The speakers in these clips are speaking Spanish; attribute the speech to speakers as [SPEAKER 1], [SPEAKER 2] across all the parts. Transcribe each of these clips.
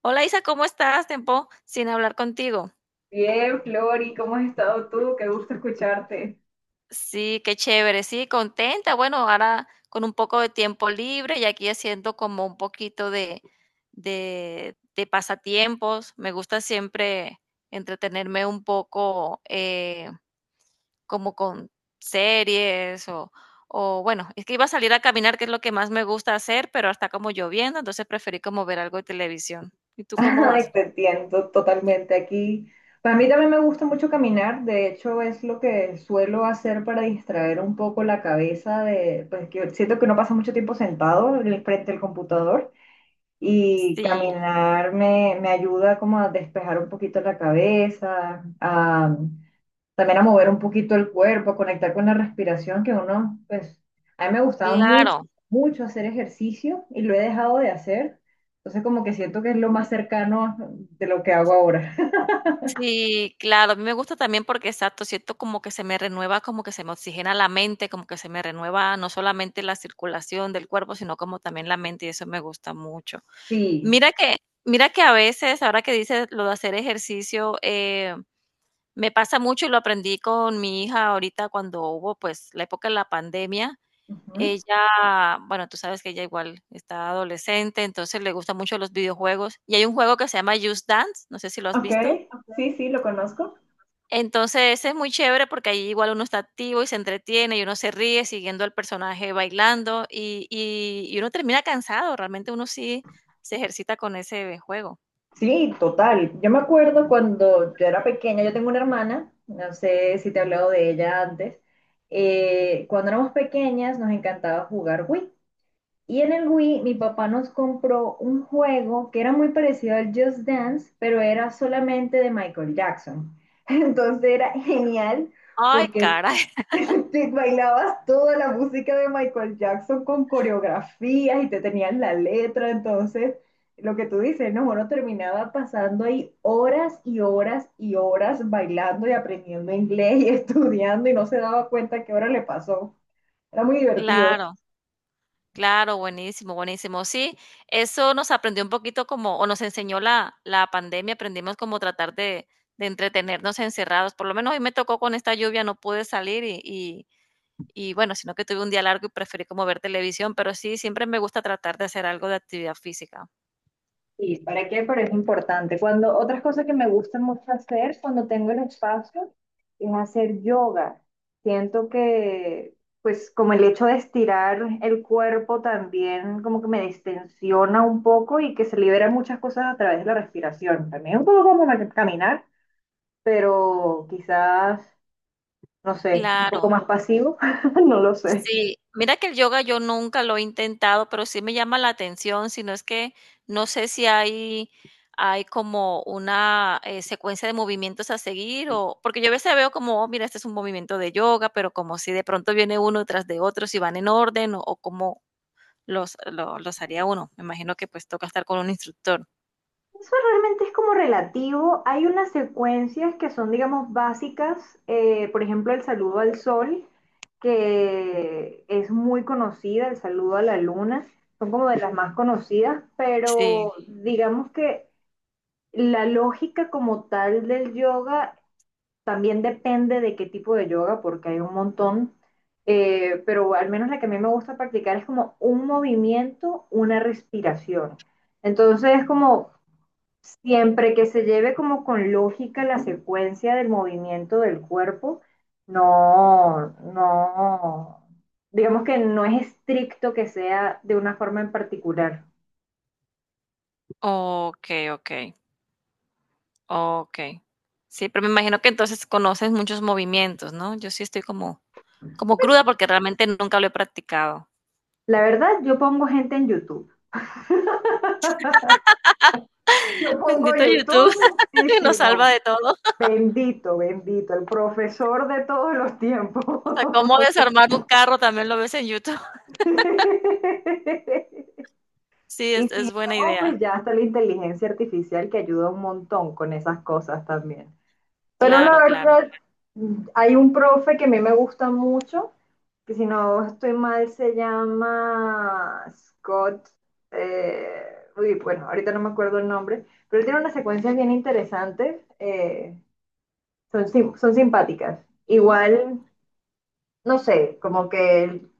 [SPEAKER 1] Hola Isa, ¿cómo estás? Tiempo sin hablar contigo.
[SPEAKER 2] Bien, Flori, ¿cómo has estado tú? Qué gusto escucharte.
[SPEAKER 1] Sí, qué chévere, sí, contenta. Bueno, ahora con un poco de tiempo libre y aquí haciendo como un poquito de pasatiempos. Me gusta siempre entretenerme un poco como con series o bueno, es que iba a salir a caminar, que es lo que más me gusta hacer, pero está como lloviendo, entonces preferí como ver algo de televisión. ¿Y tú cómo vas?
[SPEAKER 2] Ay, te entiendo totalmente aquí. Para mí también me gusta mucho caminar, de hecho es lo que suelo hacer para distraer un poco la cabeza pues que siento que uno pasa mucho tiempo sentado en el frente del computador y
[SPEAKER 1] Sí,
[SPEAKER 2] caminar me ayuda como a despejar un poquito la cabeza. También a mover un poquito el cuerpo, a conectar con la respiración, que uno, pues, a mí me gustaba mucho,
[SPEAKER 1] claro.
[SPEAKER 2] mucho hacer ejercicio y lo he dejado de hacer. Entonces como que siento que es lo más cercano de lo que hago ahora.
[SPEAKER 1] Sí, claro, a mí me gusta también porque, exacto, siento como que se me renueva, como que se me oxigena la mente, como que se me renueva no solamente la circulación del cuerpo, sino como también la mente, y eso me gusta mucho.
[SPEAKER 2] Sí.
[SPEAKER 1] Mira que mira que a veces, ahora que dices lo de hacer ejercicio, me pasa mucho, y lo aprendí con mi hija ahorita cuando hubo, pues, la época de la pandemia.
[SPEAKER 2] Ujú.
[SPEAKER 1] Ella, bueno, tú sabes que ella igual está adolescente, entonces le gustan mucho los videojuegos, y hay un juego que se llama Just Dance, no sé si lo has
[SPEAKER 2] Ok,
[SPEAKER 1] visto.
[SPEAKER 2] sí, sí, lo conozco.
[SPEAKER 1] Entonces es muy chévere porque ahí igual uno está activo y se entretiene y uno se ríe siguiendo al personaje bailando y uno termina cansado, realmente uno sí se ejercita con ese juego.
[SPEAKER 2] Sí, total. Yo me acuerdo cuando yo era pequeña, yo tengo una hermana, no sé si te he hablado de ella antes. Cuando éramos pequeñas nos encantaba jugar Wii. Y en el Wii mi papá nos compró un juego que era muy parecido al Just Dance, pero era solamente de Michael Jackson. Entonces era genial
[SPEAKER 1] Ay,
[SPEAKER 2] porque
[SPEAKER 1] caray,
[SPEAKER 2] te bailabas toda la música de Michael Jackson con coreografías y te tenías la letra. Entonces, lo que tú dices, no, bueno, terminaba pasando ahí horas y horas y horas bailando y aprendiendo inglés y estudiando y no se daba cuenta qué hora le pasó. Era muy divertido.
[SPEAKER 1] claro, claro, buenísimo, buenísimo. Sí, eso nos aprendió un poquito como, o nos enseñó la pandemia, aprendimos como tratar de entretenernos encerrados. Por lo menos hoy me tocó con esta lluvia, no pude salir y bueno, sino que tuve un día largo y preferí como ver televisión, pero sí, siempre me gusta tratar de hacer algo de actividad física.
[SPEAKER 2] Sí, ¿para qué? Pero es importante. Cuando otras cosas que me gusta mucho hacer cuando tengo el espacio es hacer yoga. Siento que, pues, como el hecho de estirar el cuerpo también como que me distensiona un poco y que se liberan muchas cosas a través de la respiración. También un poco como caminar, pero quizás, no sé, un poco
[SPEAKER 1] Claro.
[SPEAKER 2] más pasivo. No lo sé.
[SPEAKER 1] Sí, mira que el yoga yo nunca lo he intentado, pero sí me llama la atención, sino es que no sé si hay, hay como una secuencia de movimientos a seguir o porque yo a veces veo como, oh, mira, este es un movimiento de yoga, pero como si de pronto viene uno tras de otro, si van en orden o cómo los haría uno. Me imagino que pues toca estar con un instructor.
[SPEAKER 2] Eso realmente es como relativo. Hay unas secuencias que son, digamos, básicas. Por ejemplo, el saludo al sol, que es muy conocida, el saludo a la luna, son como de las más conocidas, pero
[SPEAKER 1] Sí,
[SPEAKER 2] digamos que la lógica como tal del yoga también depende de qué tipo de yoga, porque hay un montón. Pero al menos la que a mí me gusta practicar es como un movimiento, una respiración. Entonces, es como siempre que se lleve como con lógica la secuencia del movimiento del cuerpo. No, no, digamos que no es estricto que sea de una forma en particular.
[SPEAKER 1] ok, ok. Okey. Sí, pero me imagino que entonces conoces muchos movimientos, ¿no? Yo sí estoy como cruda porque realmente nunca lo he practicado.
[SPEAKER 2] La verdad, yo pongo gente en YouTube. Yo pongo
[SPEAKER 1] Bendito YouTube,
[SPEAKER 2] YouTube y si
[SPEAKER 1] nos
[SPEAKER 2] no,
[SPEAKER 1] salva de todo.
[SPEAKER 2] bendito, bendito, el profesor de todos los tiempos.
[SPEAKER 1] Hasta cómo desarmar un carro también lo ves en YouTube. Sí,
[SPEAKER 2] Y
[SPEAKER 1] es
[SPEAKER 2] si
[SPEAKER 1] es buena
[SPEAKER 2] no,
[SPEAKER 1] idea.
[SPEAKER 2] pues ya está la inteligencia artificial que ayuda un montón con esas cosas también. Pero la
[SPEAKER 1] Claro, claro.
[SPEAKER 2] verdad, hay un profe que a mí me gusta mucho, que si no estoy mal se llama Scott. eh, Uy, bueno, ahorita no me acuerdo el nombre, pero él tiene unas secuencias bien interesantes, son simpáticas.
[SPEAKER 1] Ujú,
[SPEAKER 2] Igual, no sé, como que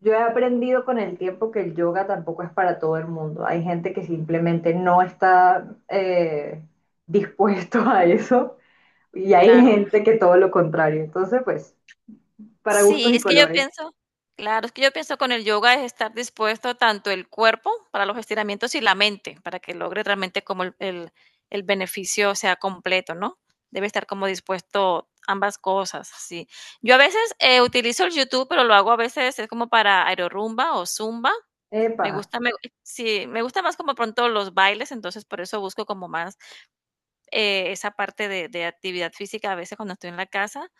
[SPEAKER 2] yo he aprendido con el tiempo que el yoga tampoco es para todo el mundo. Hay gente que simplemente no está dispuesto a eso. Y hay
[SPEAKER 1] claro.
[SPEAKER 2] gente que todo lo contrario. Entonces, pues, para
[SPEAKER 1] Sí,
[SPEAKER 2] gustos y
[SPEAKER 1] es que yo
[SPEAKER 2] colores.
[SPEAKER 1] pienso claro, es que yo pienso con el yoga es estar dispuesto tanto el cuerpo para los estiramientos y la mente, para que logre realmente como el beneficio sea completo, ¿no? Debe estar como dispuesto ambas cosas, sí. Yo a veces, utilizo el YouTube, pero lo hago a veces, es como para aerorumba o zumba.
[SPEAKER 2] Epa.
[SPEAKER 1] Me gusta me sí, me gusta más como pronto los bailes, entonces por eso busco como más, esa parte de actividad física a veces cuando estoy en la casa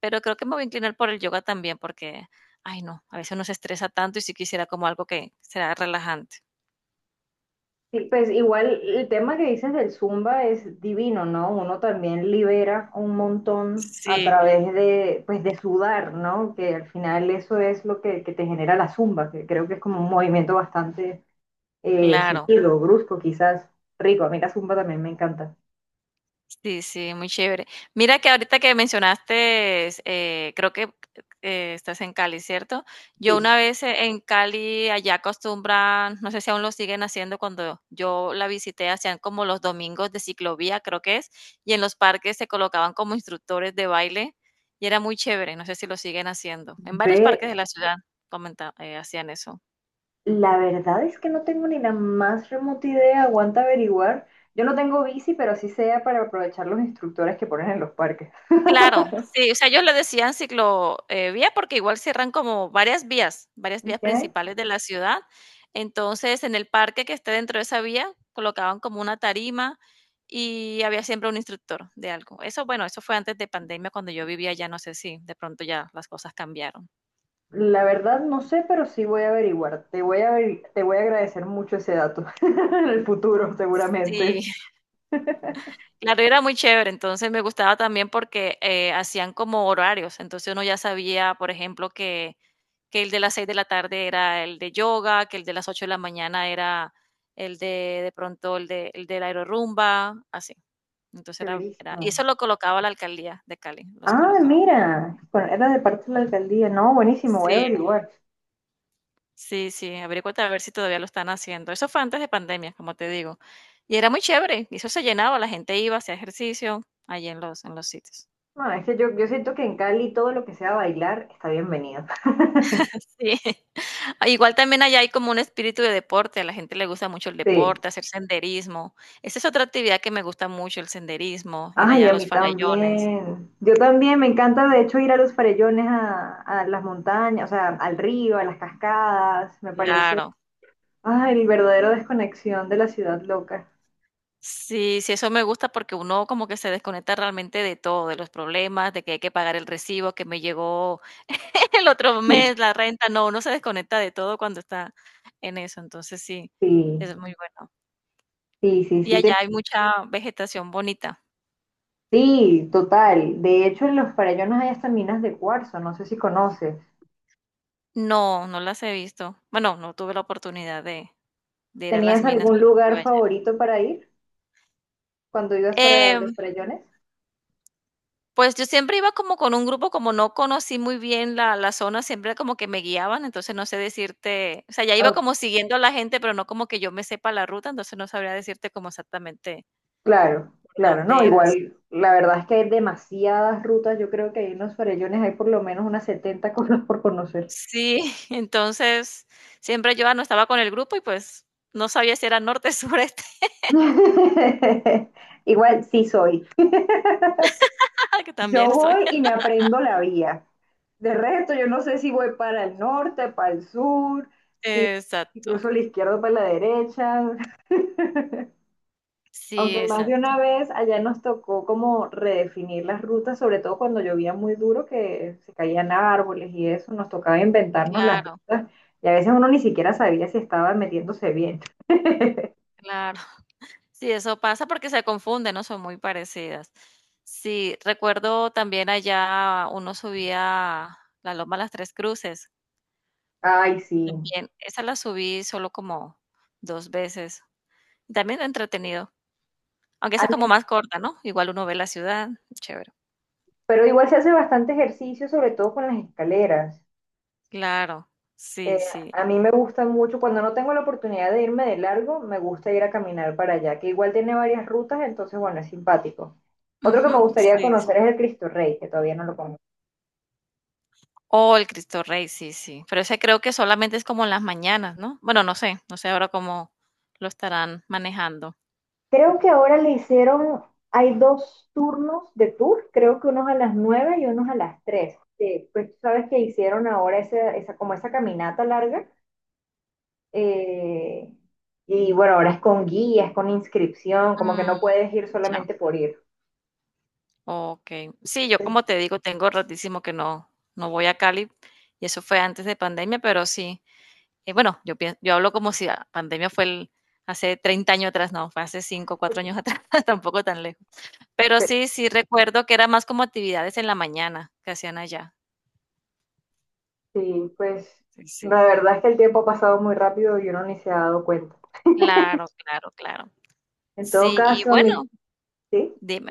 [SPEAKER 1] pero creo que me voy a inclinar por el yoga también porque, ay no, a veces uno se estresa tanto y sí quisiera como algo que sea relajante.
[SPEAKER 2] Sí, pues igual el tema que dices del Zumba es divino, ¿no? Uno también libera un montón a
[SPEAKER 1] Sí,
[SPEAKER 2] través de, pues, de sudar, ¿no? Que al final eso es lo que te genera la Zumba, que creo que es como un movimiento bastante
[SPEAKER 1] claro.
[SPEAKER 2] seguido, brusco, quizás rico. A mí la Zumba también me encanta.
[SPEAKER 1] Sí, sí, muy chévere. Mira que ahorita que mencionaste, creo que estás en Cali, ¿cierto? Yo
[SPEAKER 2] Sí.
[SPEAKER 1] una vez en Cali, allá acostumbran, no sé si aún lo siguen haciendo, cuando yo la visité, hacían como los domingos de ciclovía, creo que es, y en los parques se colocaban como instructores de baile y era muy chévere, no sé si lo siguen haciendo. En varios parques
[SPEAKER 2] Ve,
[SPEAKER 1] de la ciudad hacían eso.
[SPEAKER 2] la verdad es que no tengo ni la más remota idea, aguanta averiguar. Yo no tengo bici, pero sí sea para aprovechar los instructores que ponen en los parques.
[SPEAKER 1] Claro, sí, o sea, ellos le decían ciclo, vía, porque igual cierran como varias vías
[SPEAKER 2] ¿Ok?
[SPEAKER 1] principales de la ciudad. Entonces, en el parque que esté dentro de esa vía, colocaban como una tarima y había siempre un instructor de algo. Eso, bueno, eso fue antes de pandemia, cuando yo vivía allá, no sé si de pronto ya las cosas cambiaron.
[SPEAKER 2] La verdad no sé, pero sí voy a averiguar. Te voy a agradecer mucho ese dato en el futuro,
[SPEAKER 1] Sí.
[SPEAKER 2] seguramente.
[SPEAKER 1] Claro, era muy chévere, entonces me gustaba también porque, hacían como horarios, entonces uno ya sabía, por ejemplo, que el de las 6 de la tarde era el de yoga, que el de las 8 de la mañana era el de pronto el de el del la aerorumba, así. Entonces era y
[SPEAKER 2] Severísimo.
[SPEAKER 1] eso lo colocaba la alcaldía de Cali, los
[SPEAKER 2] Ah,
[SPEAKER 1] colocaba.
[SPEAKER 2] mira, bueno, era de parte de la alcaldía. No, buenísimo, voy a
[SPEAKER 1] Sí,
[SPEAKER 2] averiguar.
[SPEAKER 1] sí, sí, averíguate a ver si todavía lo están haciendo. Eso fue antes de pandemia, como te digo, y era muy chévere, y eso se llenaba, la gente iba, hacía ejercicio allí en los sitios.
[SPEAKER 2] No, es que yo siento que en Cali todo lo que sea bailar está bienvenido.
[SPEAKER 1] Sí. Igual también allá hay como un espíritu de deporte, a la gente le gusta mucho el
[SPEAKER 2] Sí.
[SPEAKER 1] deporte, hacer senderismo. Esa es otra actividad que me gusta mucho, el senderismo, ir allá
[SPEAKER 2] Ay,
[SPEAKER 1] a
[SPEAKER 2] a
[SPEAKER 1] los
[SPEAKER 2] mí
[SPEAKER 1] farallones.
[SPEAKER 2] también. Yo también, me encanta de hecho ir a los farellones, a las montañas, o sea, al río, a las cascadas. Me parece,
[SPEAKER 1] Claro.
[SPEAKER 2] ay, el verdadero desconexión de la ciudad loca.
[SPEAKER 1] Sí, sí, eso me gusta porque uno como que se desconecta realmente de todo, de los problemas, de que hay que pagar el recibo que me llegó el otro mes, la renta. No, uno se desconecta de todo cuando está en eso. Entonces sí,
[SPEAKER 2] Sí,
[SPEAKER 1] es muy bueno.
[SPEAKER 2] sí, sí,
[SPEAKER 1] Y
[SPEAKER 2] sí,
[SPEAKER 1] allá hay mucha vegetación bonita.
[SPEAKER 2] sí, total. De hecho, en los farellones hay hasta minas de cuarzo, no sé si conoces.
[SPEAKER 1] No, no las he visto. Bueno, no tuve la oportunidad de ir a las
[SPEAKER 2] ¿Tenías
[SPEAKER 1] minas
[SPEAKER 2] algún
[SPEAKER 1] cuando estuve
[SPEAKER 2] lugar
[SPEAKER 1] allá.
[SPEAKER 2] favorito para ir cuando ibas para los
[SPEAKER 1] Em,
[SPEAKER 2] farellones?
[SPEAKER 1] pues, yo siempre iba como con un grupo, como no conocí muy bien la zona, siempre como que me guiaban, entonces no sé decirte, o sea, ya iba como siguiendo a la gente, pero no como que yo me sepa la ruta, entonces no sabría decirte como exactamente
[SPEAKER 2] Claro,
[SPEAKER 1] por
[SPEAKER 2] claro, no,
[SPEAKER 1] dónde era, sí.
[SPEAKER 2] igual, la verdad es que hay demasiadas rutas, yo creo que ahí en los farellones hay por lo menos unas 70 cosas por conocer.
[SPEAKER 1] Sí, entonces siempre yo, ah, no estaba con el grupo y, pues, no sabía si era norte, sureste,
[SPEAKER 2] Igual sí soy.
[SPEAKER 1] que
[SPEAKER 2] Yo
[SPEAKER 1] también soy.
[SPEAKER 2] voy y me aprendo la vía. De resto, yo no sé si voy para el norte, para el sur, si si
[SPEAKER 1] Exacto.
[SPEAKER 2] cruzo la izquierda o para la derecha. Aunque
[SPEAKER 1] Sí,
[SPEAKER 2] más de
[SPEAKER 1] exacto.
[SPEAKER 2] una vez allá nos tocó como redefinir las rutas, sobre todo cuando llovía muy duro, que se caían árboles y eso, nos tocaba inventarnos las
[SPEAKER 1] Claro,
[SPEAKER 2] rutas y a veces uno ni siquiera sabía si estaba metiéndose bien.
[SPEAKER 1] claro. Sí, eso pasa porque se confunden, ¿no? Son muy parecidas. Sí, recuerdo también allá uno subía la Loma Las Tres Cruces.
[SPEAKER 2] Ay, sí.
[SPEAKER 1] También esa la subí solo como 2 veces. También entretenido. Aunque
[SPEAKER 2] A
[SPEAKER 1] esa como
[SPEAKER 2] mí-
[SPEAKER 1] más corta, ¿no? Igual uno ve la ciudad. Chévere.
[SPEAKER 2] Pero igual se hace bastante ejercicio, sobre todo con las escaleras.
[SPEAKER 1] Claro. Sí,
[SPEAKER 2] Eh,
[SPEAKER 1] sí.
[SPEAKER 2] a mí me gusta mucho, cuando no tengo la oportunidad de irme de largo, me gusta ir a caminar para allá, que igual tiene varias rutas, entonces, bueno, es simpático. Otro que
[SPEAKER 1] Ujú,
[SPEAKER 2] me gustaría
[SPEAKER 1] sí, sí.
[SPEAKER 2] conocer es el Cristo Rey, que todavía no lo conozco.
[SPEAKER 1] Oh, el Cristo Rey, sí, sí. Pero ese creo que solamente es como en las mañanas, ¿no? Bueno, no sé. No sé ahora cómo lo estarán manejando.
[SPEAKER 2] Creo que ahora le hicieron, hay dos turnos de tour, creo que unos a las 9 y unos a las 3. Pues tú sabes que hicieron ahora esa, como esa caminata larga. eh, y bueno, ahora es con guías, con inscripción, como que
[SPEAKER 1] Mm,
[SPEAKER 2] no puedes ir
[SPEAKER 1] ya.
[SPEAKER 2] solamente por ir.
[SPEAKER 1] Okey. Sí, yo
[SPEAKER 2] Pues,
[SPEAKER 1] como te digo, tengo ratísimo que no voy a Cali, y eso fue antes de pandemia, pero sí, bueno, yo hablo como si la pandemia fue el hace 30 años atrás, no, fue hace 5 o 4 años atrás, tampoco tan lejos. Pero
[SPEAKER 2] pe-
[SPEAKER 1] sí, sí recuerdo que era más como actividades en la mañana que hacían allá.
[SPEAKER 2] sí, pues
[SPEAKER 1] Sí, sí.
[SPEAKER 2] la verdad es que el tiempo ha pasado muy rápido y uno ni se ha dado cuenta.
[SPEAKER 1] Claro, claro, claro.
[SPEAKER 2] En todo
[SPEAKER 1] Sí, y
[SPEAKER 2] caso,
[SPEAKER 1] bueno,
[SPEAKER 2] mi... ¿Sí?
[SPEAKER 1] dime.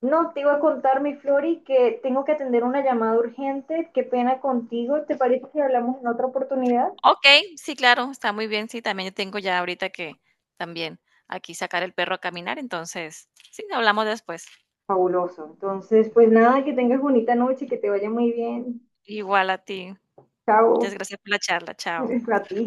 [SPEAKER 2] No, te iba a contar, mi Flori, que tengo que atender una llamada urgente. Qué pena contigo. ¿Te parece que hablamos en otra oportunidad?
[SPEAKER 1] Okey, sí, claro, está muy bien. Sí, también yo tengo ya ahorita que también aquí sacar el perro a caminar, entonces, sí, hablamos después.
[SPEAKER 2] Fabuloso. Entonces, pues nada, que tengas bonita noche, que te vaya muy bien.
[SPEAKER 1] Igual a ti. Muchas
[SPEAKER 2] Chao.
[SPEAKER 1] gracias por la charla. Chao.
[SPEAKER 2] A ti.